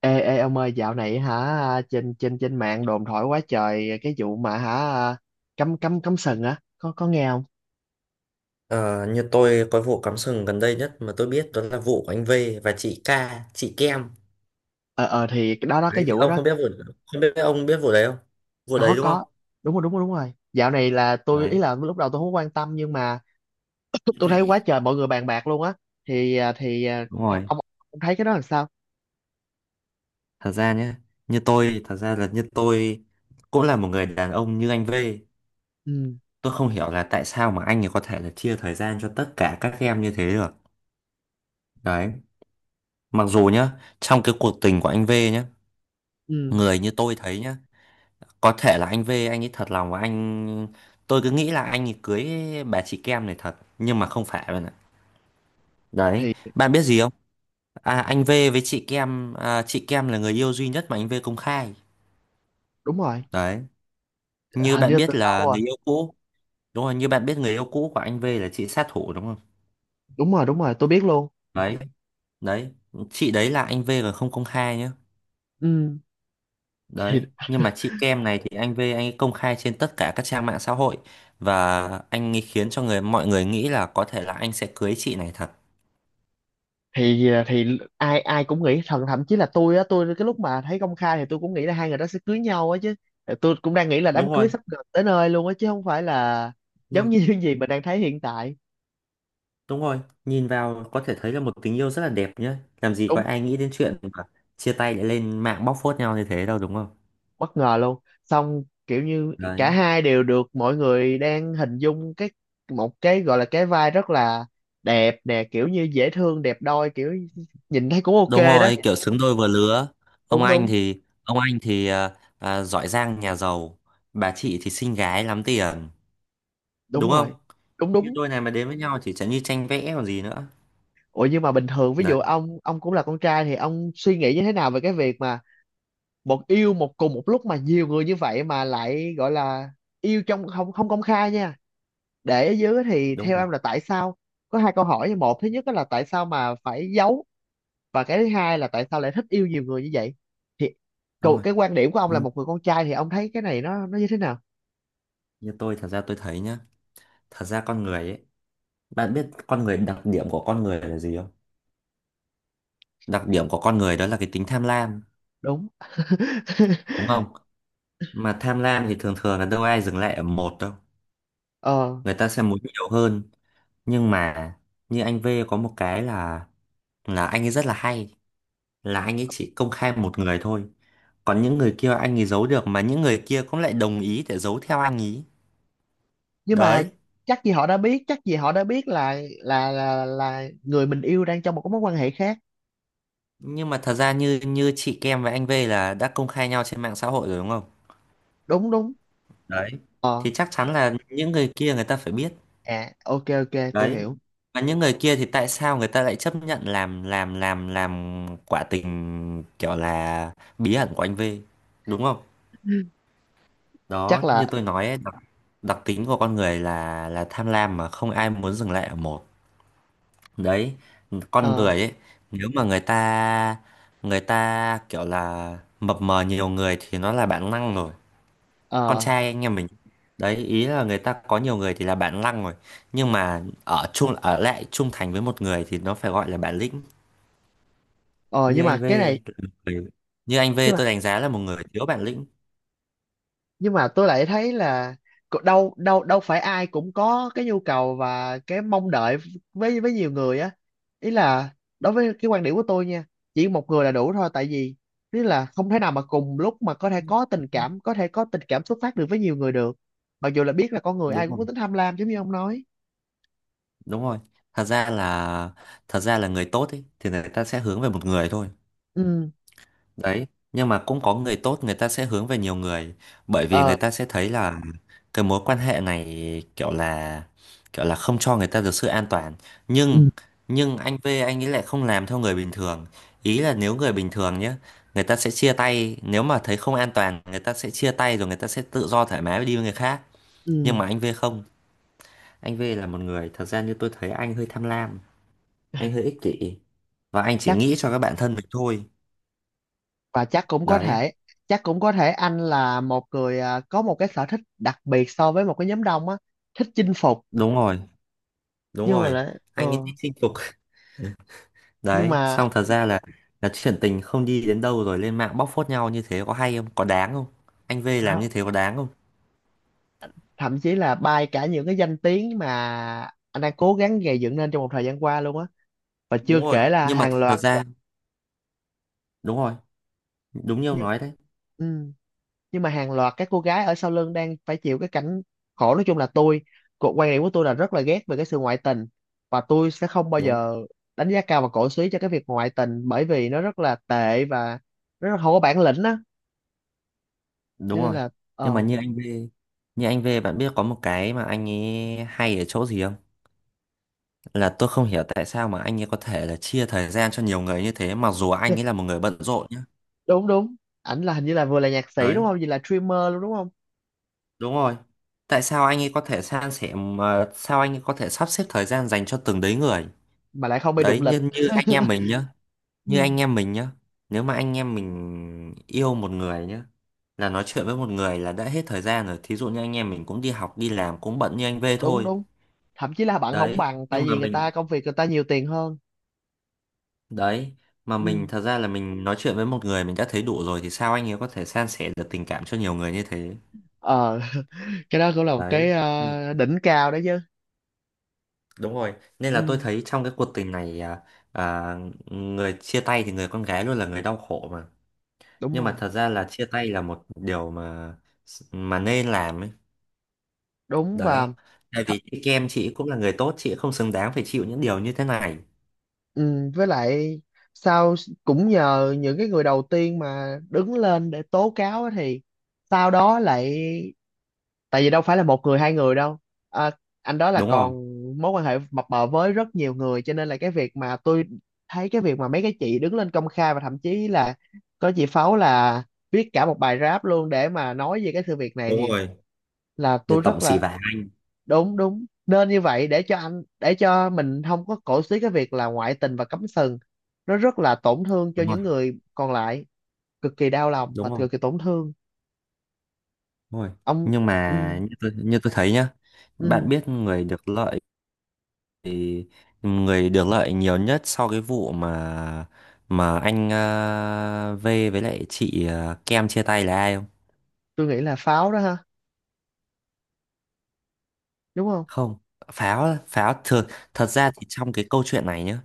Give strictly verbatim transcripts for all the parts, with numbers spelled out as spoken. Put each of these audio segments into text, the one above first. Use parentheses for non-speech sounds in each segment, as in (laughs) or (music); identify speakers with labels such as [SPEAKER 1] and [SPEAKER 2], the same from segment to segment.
[SPEAKER 1] Ê, ê ông ơi, dạo này hả trên trên trên mạng đồn thổi quá trời cái vụ mà hả cấm cấm cấm sừng á, có có nghe không?
[SPEAKER 2] Ờ, như tôi có vụ cắm sừng gần đây nhất mà tôi biết đó là vụ của anh V và chị K, chị Kem.
[SPEAKER 1] ờ ờ thì cái đó đó
[SPEAKER 2] Đấy
[SPEAKER 1] cái
[SPEAKER 2] thì
[SPEAKER 1] vụ
[SPEAKER 2] ông
[SPEAKER 1] đó.
[SPEAKER 2] không biết vụ, không biết ông biết vụ đấy không? Vụ đấy
[SPEAKER 1] Có,
[SPEAKER 2] đúng không?
[SPEAKER 1] có. Đúng rồi đúng rồi đúng rồi, dạo này là tôi, ý
[SPEAKER 2] Đấy,
[SPEAKER 1] là lúc đầu tôi không có quan tâm, nhưng mà (coughs) tôi thấy quá trời mọi người bàn bạc luôn á. Thì à, thì à,
[SPEAKER 2] đúng rồi.
[SPEAKER 1] ông, ông thấy cái đó làm sao?
[SPEAKER 2] Thật ra nhé, như tôi thật ra là, như tôi cũng là một người đàn ông như anh V.
[SPEAKER 1] Ừ.
[SPEAKER 2] Tôi không hiểu là tại sao mà anh ấy có thể là chia thời gian cho tất cả các em như thế được. Đấy, mặc dù nhá, trong cái cuộc tình của anh V nhá,
[SPEAKER 1] Ừ
[SPEAKER 2] người như tôi thấy nhá, có thể là anh V anh ấy thật lòng và anh, tôi cứ nghĩ là anh ấy cưới bà chị Kem này thật, nhưng mà không phải bạn ạ. Đấy,
[SPEAKER 1] thì
[SPEAKER 2] bạn biết gì không? à, Anh V với chị Kem, à, chị Kem là người yêu duy nhất mà anh V công khai.
[SPEAKER 1] đúng rồi.
[SPEAKER 2] Đấy, như
[SPEAKER 1] Hình như
[SPEAKER 2] bạn
[SPEAKER 1] là từ
[SPEAKER 2] biết
[SPEAKER 1] lâu
[SPEAKER 2] là
[SPEAKER 1] rồi.
[SPEAKER 2] người yêu cũ. Đúng rồi, như bạn biết người yêu cũ của anh V là chị sát thủ đúng không.
[SPEAKER 1] Đúng rồi đúng rồi, tôi biết luôn.
[SPEAKER 2] Đấy, đấy, chị đấy là anh V còn không công khai nhá.
[SPEAKER 1] Ừ.
[SPEAKER 2] Đấy, nhưng mà chị Kem này thì anh V anh ấy công khai trên tất cả các trang mạng xã hội, và anh ấy khiến cho người mọi người nghĩ là có thể là anh sẽ cưới chị này thật.
[SPEAKER 1] thì ờ, thì ai ai cũng nghĩ, thậm thậm chí là tôi á, tôi cái lúc mà thấy công khai thì tôi cũng nghĩ là hai người đó sẽ cưới nhau á chứ. Ờ, tôi cũng đang nghĩ là đám
[SPEAKER 2] Đúng
[SPEAKER 1] cưới
[SPEAKER 2] rồi,
[SPEAKER 1] sắp gần tới nơi luôn á, chứ không phải là
[SPEAKER 2] đúng
[SPEAKER 1] giống
[SPEAKER 2] rồi,
[SPEAKER 1] như (laughs) những gì mình đang thấy hiện tại.
[SPEAKER 2] đúng rồi. Nhìn vào có thể thấy là một tình yêu rất là đẹp nhá, làm gì có
[SPEAKER 1] Đúng.
[SPEAKER 2] ai nghĩ đến chuyện mà chia tay lại lên mạng bóc phốt nhau như thế đâu đúng không.
[SPEAKER 1] Bất ngờ luôn. Xong kiểu như cả
[SPEAKER 2] Đấy,
[SPEAKER 1] hai đều được mọi người đang hình dung cái một cái gọi là cái vai rất là đẹp nè, kiểu như dễ thương, đẹp đôi, kiểu nhìn thấy cũng ok
[SPEAKER 2] đúng
[SPEAKER 1] đó.
[SPEAKER 2] rồi, kiểu xứng đôi vừa lứa. Ông
[SPEAKER 1] Đúng,
[SPEAKER 2] anh
[SPEAKER 1] đúng.
[SPEAKER 2] thì ông anh thì à, à, giỏi giang nhà giàu, bà chị thì xinh gái lắm tiền,
[SPEAKER 1] Đúng
[SPEAKER 2] đúng không.
[SPEAKER 1] rồi. Đúng,
[SPEAKER 2] Như
[SPEAKER 1] đúng.
[SPEAKER 2] đôi này mà đến với nhau chỉ chẳng như tranh vẽ còn gì nữa.
[SPEAKER 1] Ủa, nhưng mà bình thường ví
[SPEAKER 2] Đấy,
[SPEAKER 1] dụ ông ông cũng là con trai thì ông suy nghĩ như thế nào về cái việc mà một yêu một cùng một lúc mà nhiều người như vậy, mà lại gọi là yêu trong không không công khai nha. Để ở dưới thì
[SPEAKER 2] đúng
[SPEAKER 1] theo
[SPEAKER 2] rồi,
[SPEAKER 1] em là tại sao? Có hai câu hỏi. Một, thứ nhất đó là tại sao mà phải giấu, và cái thứ hai là tại sao lại thích yêu nhiều người như vậy? Thì
[SPEAKER 2] đúng
[SPEAKER 1] cậu
[SPEAKER 2] rồi.
[SPEAKER 1] cái quan điểm của ông
[SPEAKER 2] Ừ,
[SPEAKER 1] là một người con trai, thì ông thấy cái này nó nó như thế nào?
[SPEAKER 2] như tôi thật ra tôi thấy nhá, thật ra con người ấy, bạn biết con người đặc điểm của con người là gì không. Đặc điểm của con người đó là cái tính tham lam,
[SPEAKER 1] Đúng. (laughs)
[SPEAKER 2] đúng không. Mà tham lam thì thường thường là đâu ai dừng lại ở một đâu,
[SPEAKER 1] Ờ,
[SPEAKER 2] người ta sẽ muốn nhiều hơn. Nhưng mà như anh V có một cái là là anh ấy rất là hay, là anh ấy chỉ công khai một người thôi, còn những người kia anh ấy giấu được mà những người kia cũng lại đồng ý để giấu theo anh ấy.
[SPEAKER 1] nhưng mà
[SPEAKER 2] Đấy,
[SPEAKER 1] chắc gì họ đã biết, chắc gì họ đã biết là là là là người mình yêu đang trong một cái mối quan hệ khác.
[SPEAKER 2] nhưng mà thật ra như như chị Kem và anh V là đã công khai nhau trên mạng xã hội rồi đúng không.
[SPEAKER 1] Đúng, đúng.
[SPEAKER 2] Đấy, thì
[SPEAKER 1] Ờ.
[SPEAKER 2] chắc chắn
[SPEAKER 1] đ-
[SPEAKER 2] là những người kia người ta phải biết.
[SPEAKER 1] À, ok, ok, tôi
[SPEAKER 2] Đấy,
[SPEAKER 1] hiểu.
[SPEAKER 2] và những người kia thì tại sao người ta lại chấp nhận làm làm làm làm quả tình kiểu là bí ẩn của anh V, đúng không.
[SPEAKER 1] Chắc
[SPEAKER 2] Đó,
[SPEAKER 1] là.
[SPEAKER 2] như tôi nói ấy, đặc, đặc tính của con người là là tham lam mà không ai muốn dừng lại ở một. Đấy, con
[SPEAKER 1] ờ
[SPEAKER 2] người ấy, nếu mà người ta, người ta kiểu là mập mờ nhiều người thì nó là bản năng rồi. Con
[SPEAKER 1] ờ
[SPEAKER 2] trai anh em mình, đấy, ý là người ta có nhiều người thì là bản lăng rồi, nhưng mà ở chung ở lại trung thành với một người thì nó phải gọi là bản lĩnh.
[SPEAKER 1] ờ
[SPEAKER 2] như
[SPEAKER 1] nhưng
[SPEAKER 2] anh
[SPEAKER 1] mà
[SPEAKER 2] V
[SPEAKER 1] cái này, nhưng
[SPEAKER 2] là một người- Như anh V
[SPEAKER 1] mà
[SPEAKER 2] tôi đánh giá là một người thiếu bản lĩnh.
[SPEAKER 1] nhưng mà tôi lại thấy là cô- đâu, đâu đâu phải ai cũng có cái nhu cầu và cái mong đợi với với nhiều người á. Ý là đối với cái quan điểm của tôi nha, chỉ một người là đủ thôi. Tại vì ý là không thể nào mà cùng lúc mà có thể có tình cảm, có thể có tình cảm xuất phát được với nhiều người được, mặc dù là biết là con người ai
[SPEAKER 2] Đúng
[SPEAKER 1] cũng
[SPEAKER 2] rồi,
[SPEAKER 1] có tính tham lam giống như ông nói.
[SPEAKER 2] đúng rồi. Thật ra là, thật ra là người tốt ấy thì người ta sẽ hướng về một người thôi.
[SPEAKER 1] Ừ.
[SPEAKER 2] Đấy, nhưng mà cũng có người tốt người ta sẽ hướng về nhiều người, bởi vì
[SPEAKER 1] Ờ.
[SPEAKER 2] người ta sẽ thấy là cái mối quan hệ này kiểu là, kiểu là không cho người ta được sự an toàn. Nhưng
[SPEAKER 1] ừ
[SPEAKER 2] nhưng anh V anh ấy lại không làm theo người bình thường. Ý là nếu người bình thường nhé, người ta sẽ chia tay, nếu mà thấy không an toàn người ta sẽ chia tay rồi người ta sẽ tự do thoải mái đi với người khác. Nhưng
[SPEAKER 1] ừ
[SPEAKER 2] mà anh V không, anh V là một người thật ra như tôi thấy anh hơi tham lam, anh hơi ích kỷ và anh chỉ
[SPEAKER 1] Chắc,
[SPEAKER 2] nghĩ cho các bạn thân mình thôi.
[SPEAKER 1] và chắc cũng có
[SPEAKER 2] Đấy,
[SPEAKER 1] thể, chắc cũng có thể anh là một người à, có một cái sở thích đặc biệt so với một cái nhóm đông á, thích chinh phục.
[SPEAKER 2] đúng rồi. Đúng
[SPEAKER 1] Nhưng mà
[SPEAKER 2] rồi,
[SPEAKER 1] lại, ờ,
[SPEAKER 2] anh ấy thích chinh phục.
[SPEAKER 1] nhưng
[SPEAKER 2] Đấy,
[SPEAKER 1] mà
[SPEAKER 2] xong thật ra là là chuyện tình không đi đến đâu rồi lên mạng bóc phốt nhau như thế có hay không, có đáng không? Anh V làm như
[SPEAKER 1] họ-
[SPEAKER 2] thế có đáng không?
[SPEAKER 1] thậm chí là bay cả những cái danh tiếng mà anh đang cố gắng gầy dựng nên trong một thời gian qua luôn á, và chưa
[SPEAKER 2] Đúng rồi,
[SPEAKER 1] kể là
[SPEAKER 2] nhưng mà
[SPEAKER 1] hàng
[SPEAKER 2] thật
[SPEAKER 1] loạt.
[SPEAKER 2] ra, đúng rồi, đúng như ông
[SPEAKER 1] Nhưng
[SPEAKER 2] nói đấy,
[SPEAKER 1] ừ, nhưng mà hàng loạt các cô gái ở sau lưng đang phải chịu cái cảnh khổ. Nói chung là tôi, cuộc quan điểm của tôi là rất là ghét về cái sự ngoại tình, và tôi sẽ không bao
[SPEAKER 2] đúng,
[SPEAKER 1] giờ đánh giá cao và cổ suý cho cái việc ngoại tình, bởi vì nó rất là tệ và nó rất không có bản lĩnh á. Cho
[SPEAKER 2] đúng
[SPEAKER 1] nên
[SPEAKER 2] rồi.
[SPEAKER 1] là
[SPEAKER 2] Nhưng mà
[SPEAKER 1] ờ.
[SPEAKER 2] như anh V, như anh V bạn biết có một cái mà anh ấy hay ở chỗ gì không? Là tôi không hiểu tại sao mà anh ấy có thể là chia thời gian cho nhiều người như thế mặc dù anh ấy
[SPEAKER 1] (laughs)
[SPEAKER 2] là một người bận rộn nhá.
[SPEAKER 1] Đúng, đúng. Ảnh là hình như là vừa là nhạc sĩ đúng
[SPEAKER 2] Đấy,
[SPEAKER 1] không, vừa là streamer luôn đúng không?
[SPEAKER 2] đúng rồi. Tại sao anh ấy có thể san sẻ mà sao anh ấy có thể sắp xếp thời gian dành cho từng đấy người?
[SPEAKER 1] Mà lại không bị đụng
[SPEAKER 2] Đấy,
[SPEAKER 1] lịch.
[SPEAKER 2] như, như anh em
[SPEAKER 1] (laughs)
[SPEAKER 2] mình nhá,
[SPEAKER 1] Ừ,
[SPEAKER 2] như anh em mình nhá. Nếu mà anh em mình yêu một người nhá, là nói chuyện với một người là đã hết thời gian rồi. Thí dụ như anh em mình cũng đi học, đi làm, cũng bận như anh V
[SPEAKER 1] đúng,
[SPEAKER 2] thôi.
[SPEAKER 1] đúng. Thậm chí là bạn không
[SPEAKER 2] Đấy,
[SPEAKER 1] bằng, tại
[SPEAKER 2] nhưng mà
[SPEAKER 1] vì người
[SPEAKER 2] mình,
[SPEAKER 1] ta công việc người ta nhiều tiền hơn.
[SPEAKER 2] đấy, mà mình
[SPEAKER 1] Ừ.
[SPEAKER 2] thật ra là mình nói chuyện với một người mình đã thấy đủ rồi thì sao anh ấy có thể san sẻ được tình cảm cho nhiều người như thế?
[SPEAKER 1] Ờ. (laughs) Cái đó cũng là một cái
[SPEAKER 2] Đấy,
[SPEAKER 1] ờ, đỉnh cao đấy chứ.
[SPEAKER 2] đúng rồi, nên là tôi
[SPEAKER 1] Ừ,
[SPEAKER 2] thấy trong cái cuộc tình này à, à, người chia tay thì người con gái luôn là người đau khổ mà.
[SPEAKER 1] đúng
[SPEAKER 2] Nhưng mà
[SPEAKER 1] rồi.
[SPEAKER 2] thật ra là chia tay là một điều mà mà nên làm ấy.
[SPEAKER 1] Đúng. Và
[SPEAKER 2] Đấy, tại
[SPEAKER 1] th-
[SPEAKER 2] vì chị Kem chị cũng là người tốt, chị không xứng đáng phải chịu những điều như thế này.
[SPEAKER 1] ừ, với lại sau, cũng nhờ những cái người đầu tiên mà đứng lên để tố cáo á, thì sau đó lại, tại vì đâu phải là một người, hai người đâu, à, anh đó là
[SPEAKER 2] Đúng rồi,
[SPEAKER 1] còn mối quan hệ mập mờ với rất nhiều người. Cho nên là cái việc mà tôi thấy cái việc mà mấy cái chị đứng lên công khai, và thậm chí là có chị Pháo là viết cả một bài rap luôn để mà nói về cái sự việc này,
[SPEAKER 2] đúng
[SPEAKER 1] thì
[SPEAKER 2] rồi.
[SPEAKER 1] là
[SPEAKER 2] Để
[SPEAKER 1] tôi
[SPEAKER 2] tổng
[SPEAKER 1] rất
[SPEAKER 2] xì
[SPEAKER 1] là
[SPEAKER 2] vả.
[SPEAKER 1] đúng, đúng, nên như vậy. Để cho anh, để cho mình không có cổ xí cái việc là ngoại tình và cấm sừng, nó rất là tổn thương cho
[SPEAKER 2] Đúng rồi,
[SPEAKER 1] những người còn lại, cực kỳ đau lòng và
[SPEAKER 2] đúng rồi,
[SPEAKER 1] cực kỳ tổn thương.
[SPEAKER 2] đúng rồi.
[SPEAKER 1] Ông.
[SPEAKER 2] Nhưng mà
[SPEAKER 1] Ừ,
[SPEAKER 2] như tôi, như tôi thấy nhá, bạn
[SPEAKER 1] ừ,
[SPEAKER 2] biết người được lợi, thì người được lợi nhiều nhất sau cái vụ mà mà anh ờ, V với lại chị ờ, Kem chia tay là ai không?
[SPEAKER 1] tôi nghĩ là Pháo đó ha, đúng không?
[SPEAKER 2] Không, Pháo Pháo thật, thật ra thì trong cái câu chuyện này nhá,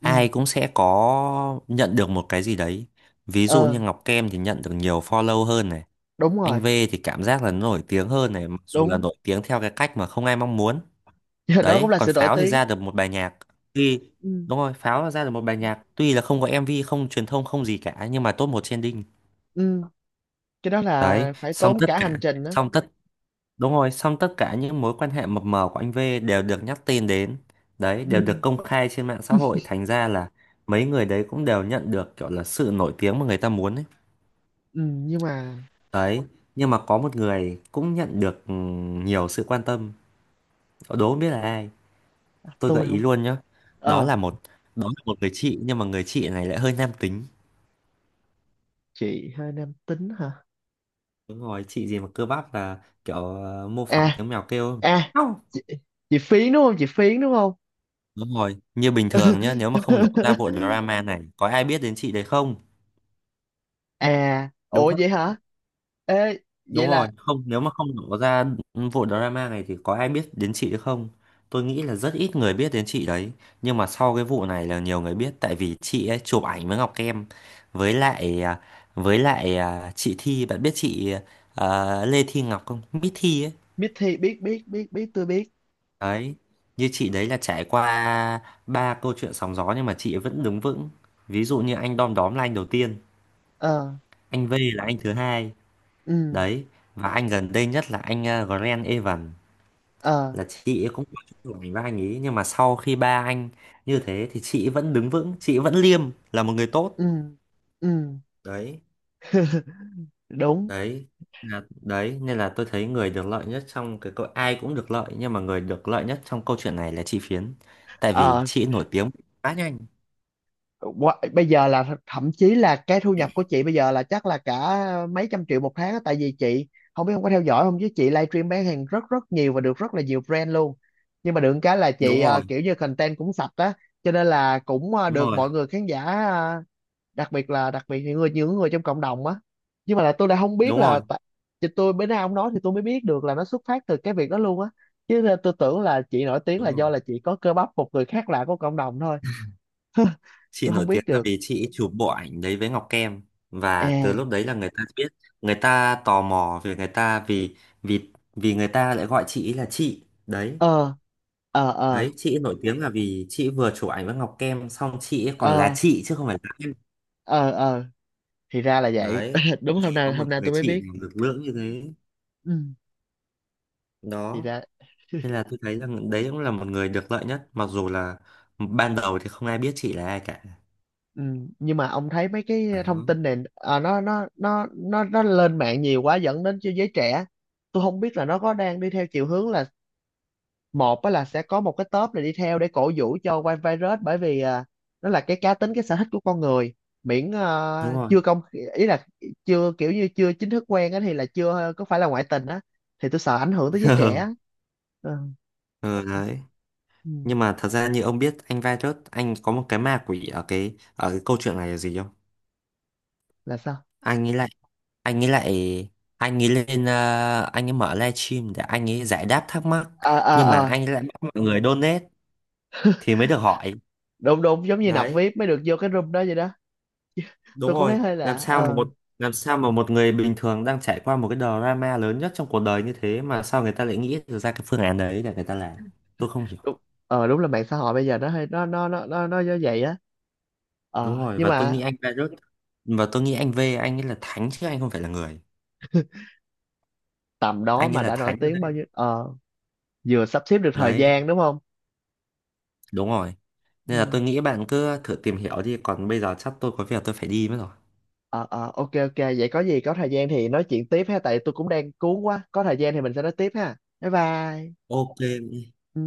[SPEAKER 1] Ừ.
[SPEAKER 2] ai cũng sẽ có nhận được một cái gì đấy. Ví dụ
[SPEAKER 1] Ờ.
[SPEAKER 2] như Ngọc Kem thì nhận được nhiều follow hơn này,
[SPEAKER 1] Đúng
[SPEAKER 2] anh V
[SPEAKER 1] rồi.
[SPEAKER 2] thì cảm giác là nổi tiếng hơn này, mặc dù là
[SPEAKER 1] Đúng.
[SPEAKER 2] nổi tiếng theo cái cách mà không ai mong muốn.
[SPEAKER 1] (laughs) Đó cũng
[SPEAKER 2] Đấy,
[SPEAKER 1] là
[SPEAKER 2] còn
[SPEAKER 1] sự nổi
[SPEAKER 2] Pháo thì
[SPEAKER 1] tiếng.
[SPEAKER 2] ra được một bài nhạc tuy,
[SPEAKER 1] Ừ.
[SPEAKER 2] đúng rồi, Pháo là ra được một bài nhạc tuy là không có em vê không truyền thông không gì cả nhưng mà top một trending.
[SPEAKER 1] Ừ, cái đó
[SPEAKER 2] Đấy,
[SPEAKER 1] là phải
[SPEAKER 2] xong
[SPEAKER 1] tốn
[SPEAKER 2] tất
[SPEAKER 1] cả
[SPEAKER 2] cả
[SPEAKER 1] hành trình đó.
[SPEAKER 2] xong tất đúng rồi, xong tất cả những mối quan hệ mập mờ của anh V đều được nhắc tên đến. Đấy,
[SPEAKER 1] Ừ.
[SPEAKER 2] đều được công khai trên mạng xã hội, thành ra là mấy người đấy cũng đều nhận được kiểu là sự nổi tiếng mà người ta muốn ấy.
[SPEAKER 1] Ừ, nhưng mà
[SPEAKER 2] Đấy, nhưng mà có một người cũng nhận được ừ, nhiều sự quan tâm, đố không biết là ai, tôi gợi
[SPEAKER 1] tôi
[SPEAKER 2] ý
[SPEAKER 1] không.
[SPEAKER 2] luôn nhá. Đó
[SPEAKER 1] Ờ,
[SPEAKER 2] là một, đó là một người chị nhưng mà người chị này lại hơi nam tính.
[SPEAKER 1] chị hơi nam tính hả?
[SPEAKER 2] Đúng rồi, chị gì mà cơ bắp là kiểu ờ, mô phỏng
[SPEAKER 1] À,
[SPEAKER 2] tiếng mèo kêu.
[SPEAKER 1] à,
[SPEAKER 2] Không.
[SPEAKER 1] chị, chị Phiến đúng không, chị Phiến đúng không?
[SPEAKER 2] Đúng rồi, như bình thường nhá, nếu mà không nổ ra vụ
[SPEAKER 1] (laughs)
[SPEAKER 2] drama này có ai biết đến chị đấy không?
[SPEAKER 1] À,
[SPEAKER 2] Đúng.
[SPEAKER 1] ủa vậy hả? Ê,
[SPEAKER 2] Đúng
[SPEAKER 1] vậy
[SPEAKER 2] rồi,
[SPEAKER 1] là
[SPEAKER 2] không, nếu mà không đổ ra vụ drama này thì có ai biết đến chị nữa không? Tôi nghĩ là rất ít người biết đến chị đấy. Nhưng mà sau cái vụ này là nhiều người biết tại vì chị ấy chụp ảnh với Ngọc Em với lại à, với lại à, chị Thi, bạn biết chị à, Lê Thi Ngọc không? Miss Thi ấy.
[SPEAKER 1] Mithy, biết biết biết biết, tôi biết.
[SPEAKER 2] Đấy, như chị đấy là trải qua ba câu chuyện sóng gió nhưng mà chị ấy vẫn đứng vững. Ví dụ như anh Đom Đóm là anh đầu tiên,
[SPEAKER 1] Ờ.
[SPEAKER 2] anh V là anh thứ hai.
[SPEAKER 1] Ừ.
[SPEAKER 2] Đấy, và anh gần đây nhất là anh à, Grant Evan.
[SPEAKER 1] Ờ.
[SPEAKER 2] Là chị ấy cũng có chung tuổi với anh ấy nhưng mà sau khi ba anh như thế thì chị ấy vẫn đứng vững, chị ấy vẫn liêm, là một người tốt.
[SPEAKER 1] ừ ừ
[SPEAKER 2] Đấy,
[SPEAKER 1] (laughs) Đúng.
[SPEAKER 2] đấy, là đấy nên là tôi thấy người được lợi nhất trong cái câu, ai cũng được lợi nhưng mà người được lợi nhất trong câu chuyện này là chị Phiến, tại vì
[SPEAKER 1] Ờ.
[SPEAKER 2] chị ấy nổi tiếng quá nhanh.
[SPEAKER 1] Qua- bây giờ là thậm chí là cái thu nhập của chị bây giờ là chắc là cả mấy trăm triệu một tháng á, tại vì chị không biết không có theo dõi không, chứ chị livestream bán hàng rất rất nhiều và được rất là nhiều brand luôn. Nhưng mà được cái là chị
[SPEAKER 2] Đúng
[SPEAKER 1] ờ,
[SPEAKER 2] rồi,
[SPEAKER 1] kiểu như content cũng sạch á, cho nên là cũng ờ,
[SPEAKER 2] đúng
[SPEAKER 1] được
[SPEAKER 2] rồi,
[SPEAKER 1] mọi người khán giả ờ, đặc biệt là đặc biệt những người, những người trong cộng đồng á. Nhưng mà là tôi lại không biết
[SPEAKER 2] đúng rồi,
[SPEAKER 1] là tại- chị, tôi bữa nay ông nói thì tôi mới biết được là nó xuất phát từ cái việc đó luôn á, chứ là tôi tưởng là chị nổi tiếng là
[SPEAKER 2] đúng rồi,
[SPEAKER 1] do là chị có cơ bắp, một người khác lạ của cộng đồng thôi.
[SPEAKER 2] chị
[SPEAKER 1] Tôi không
[SPEAKER 2] nổi
[SPEAKER 1] biết
[SPEAKER 2] tiếng là
[SPEAKER 1] được.
[SPEAKER 2] vì chị chụp bộ ảnh đấy với Ngọc Kem và từ
[SPEAKER 1] À.
[SPEAKER 2] lúc đấy là người ta biết, người ta tò mò về người ta vì vì vì người ta lại gọi chị ấy là chị đấy.
[SPEAKER 1] Ờ. ờ ờ
[SPEAKER 2] Đấy, chị nổi tiếng là vì chị vừa chụp ảnh với Ngọc Kem xong chị ấy còn là
[SPEAKER 1] ờ
[SPEAKER 2] chị chứ không phải là em.
[SPEAKER 1] ờ ờ thì ra là vậy.
[SPEAKER 2] Đấy,
[SPEAKER 1] (laughs) Đúng,
[SPEAKER 2] gì
[SPEAKER 1] hôm
[SPEAKER 2] có
[SPEAKER 1] nay
[SPEAKER 2] một
[SPEAKER 1] hôm nay
[SPEAKER 2] người
[SPEAKER 1] tôi mới
[SPEAKER 2] chị
[SPEAKER 1] biết.
[SPEAKER 2] nào lực lưỡng như thế.
[SPEAKER 1] Ừ. Thì
[SPEAKER 2] Đó,
[SPEAKER 1] ra.
[SPEAKER 2] nên là tôi thấy rằng đấy cũng là một người được lợi nhất, mặc dù là ban đầu thì không ai biết chị là ai cả.
[SPEAKER 1] Ừ, nhưng mà ông thấy mấy cái thông
[SPEAKER 2] Đó,
[SPEAKER 1] tin này à, nó nó nó nó nó lên mạng nhiều quá, dẫn đến cho giới trẻ, tôi không biết là nó có đang đi theo chiều hướng là một á, là sẽ có một cái top này đi theo để cổ vũ cho White Virus, bởi vì à, nó là cái cá tính, cái sở thích của con người, miễn à,
[SPEAKER 2] đúng rồi.
[SPEAKER 1] chưa công, ý là chưa kiểu như chưa chính thức quen á, thì là chưa à, có phải là ngoại tình á, thì tôi sợ ảnh hưởng tới giới trẻ á.
[SPEAKER 2] (laughs)
[SPEAKER 1] Ờ,
[SPEAKER 2] Ừ, đấy.
[SPEAKER 1] ừ,
[SPEAKER 2] Nhưng mà thật ra như ông biết anh Virus, anh có một cái ma quỷ ở cái ở cái câu chuyện này là gì không?
[SPEAKER 1] là sao?
[SPEAKER 2] anh ấy lại anh ấy lại anh ấy lên ờ, anh ấy mở livestream để anh ấy giải đáp thắc mắc,
[SPEAKER 1] À,
[SPEAKER 2] nhưng mà
[SPEAKER 1] à, à,
[SPEAKER 2] anh ấy lại bắt mọi người donate thì mới được hỏi.
[SPEAKER 1] đúng, đúng, giống như nạp
[SPEAKER 2] Đấy,
[SPEAKER 1] vip mới được vô cái room đó vậy đó. Tôi
[SPEAKER 2] đúng
[SPEAKER 1] cũng thấy
[SPEAKER 2] rồi.
[SPEAKER 1] hơi
[SPEAKER 2] Làm
[SPEAKER 1] lạ,
[SPEAKER 2] sao mà
[SPEAKER 1] ờ,
[SPEAKER 2] một, làm sao mà một người bình thường đang trải qua một cái drama lớn nhất trong cuộc đời như thế mà sao người ta lại nghĩ được ra cái phương án đấy để người ta làm? Tôi không hiểu.
[SPEAKER 1] đúng. Ờ, đúng là mạng xã hội bây giờ nó hơi, nó nó nó nó nó như vậy á. Ờ,
[SPEAKER 2] Đúng rồi,
[SPEAKER 1] nhưng
[SPEAKER 2] và tôi
[SPEAKER 1] mà
[SPEAKER 2] nghĩ anh Virus, và tôi nghĩ anh V anh ấy là thánh chứ anh không phải là người.
[SPEAKER 1] tầm đó
[SPEAKER 2] Anh ấy
[SPEAKER 1] mà
[SPEAKER 2] là
[SPEAKER 1] đã nổi
[SPEAKER 2] thánh rồi
[SPEAKER 1] tiếng bao
[SPEAKER 2] đấy.
[SPEAKER 1] nhiêu, ờ, vừa sắp xếp được thời
[SPEAKER 2] Đấy,
[SPEAKER 1] gian đúng không?
[SPEAKER 2] đúng rồi, nên là
[SPEAKER 1] Ừ.
[SPEAKER 2] tôi nghĩ bạn cứ thử tìm hiểu đi còn bây giờ chắc tôi có việc tôi phải đi mất rồi.
[SPEAKER 1] Ờ, ờ, ok, ok, vậy có gì có thời gian thì nói chuyện tiếp ha, tại tôi cũng đang cuốn quá, có thời gian thì mình sẽ nói tiếp ha, bye bye.
[SPEAKER 2] OK.
[SPEAKER 1] Ừ.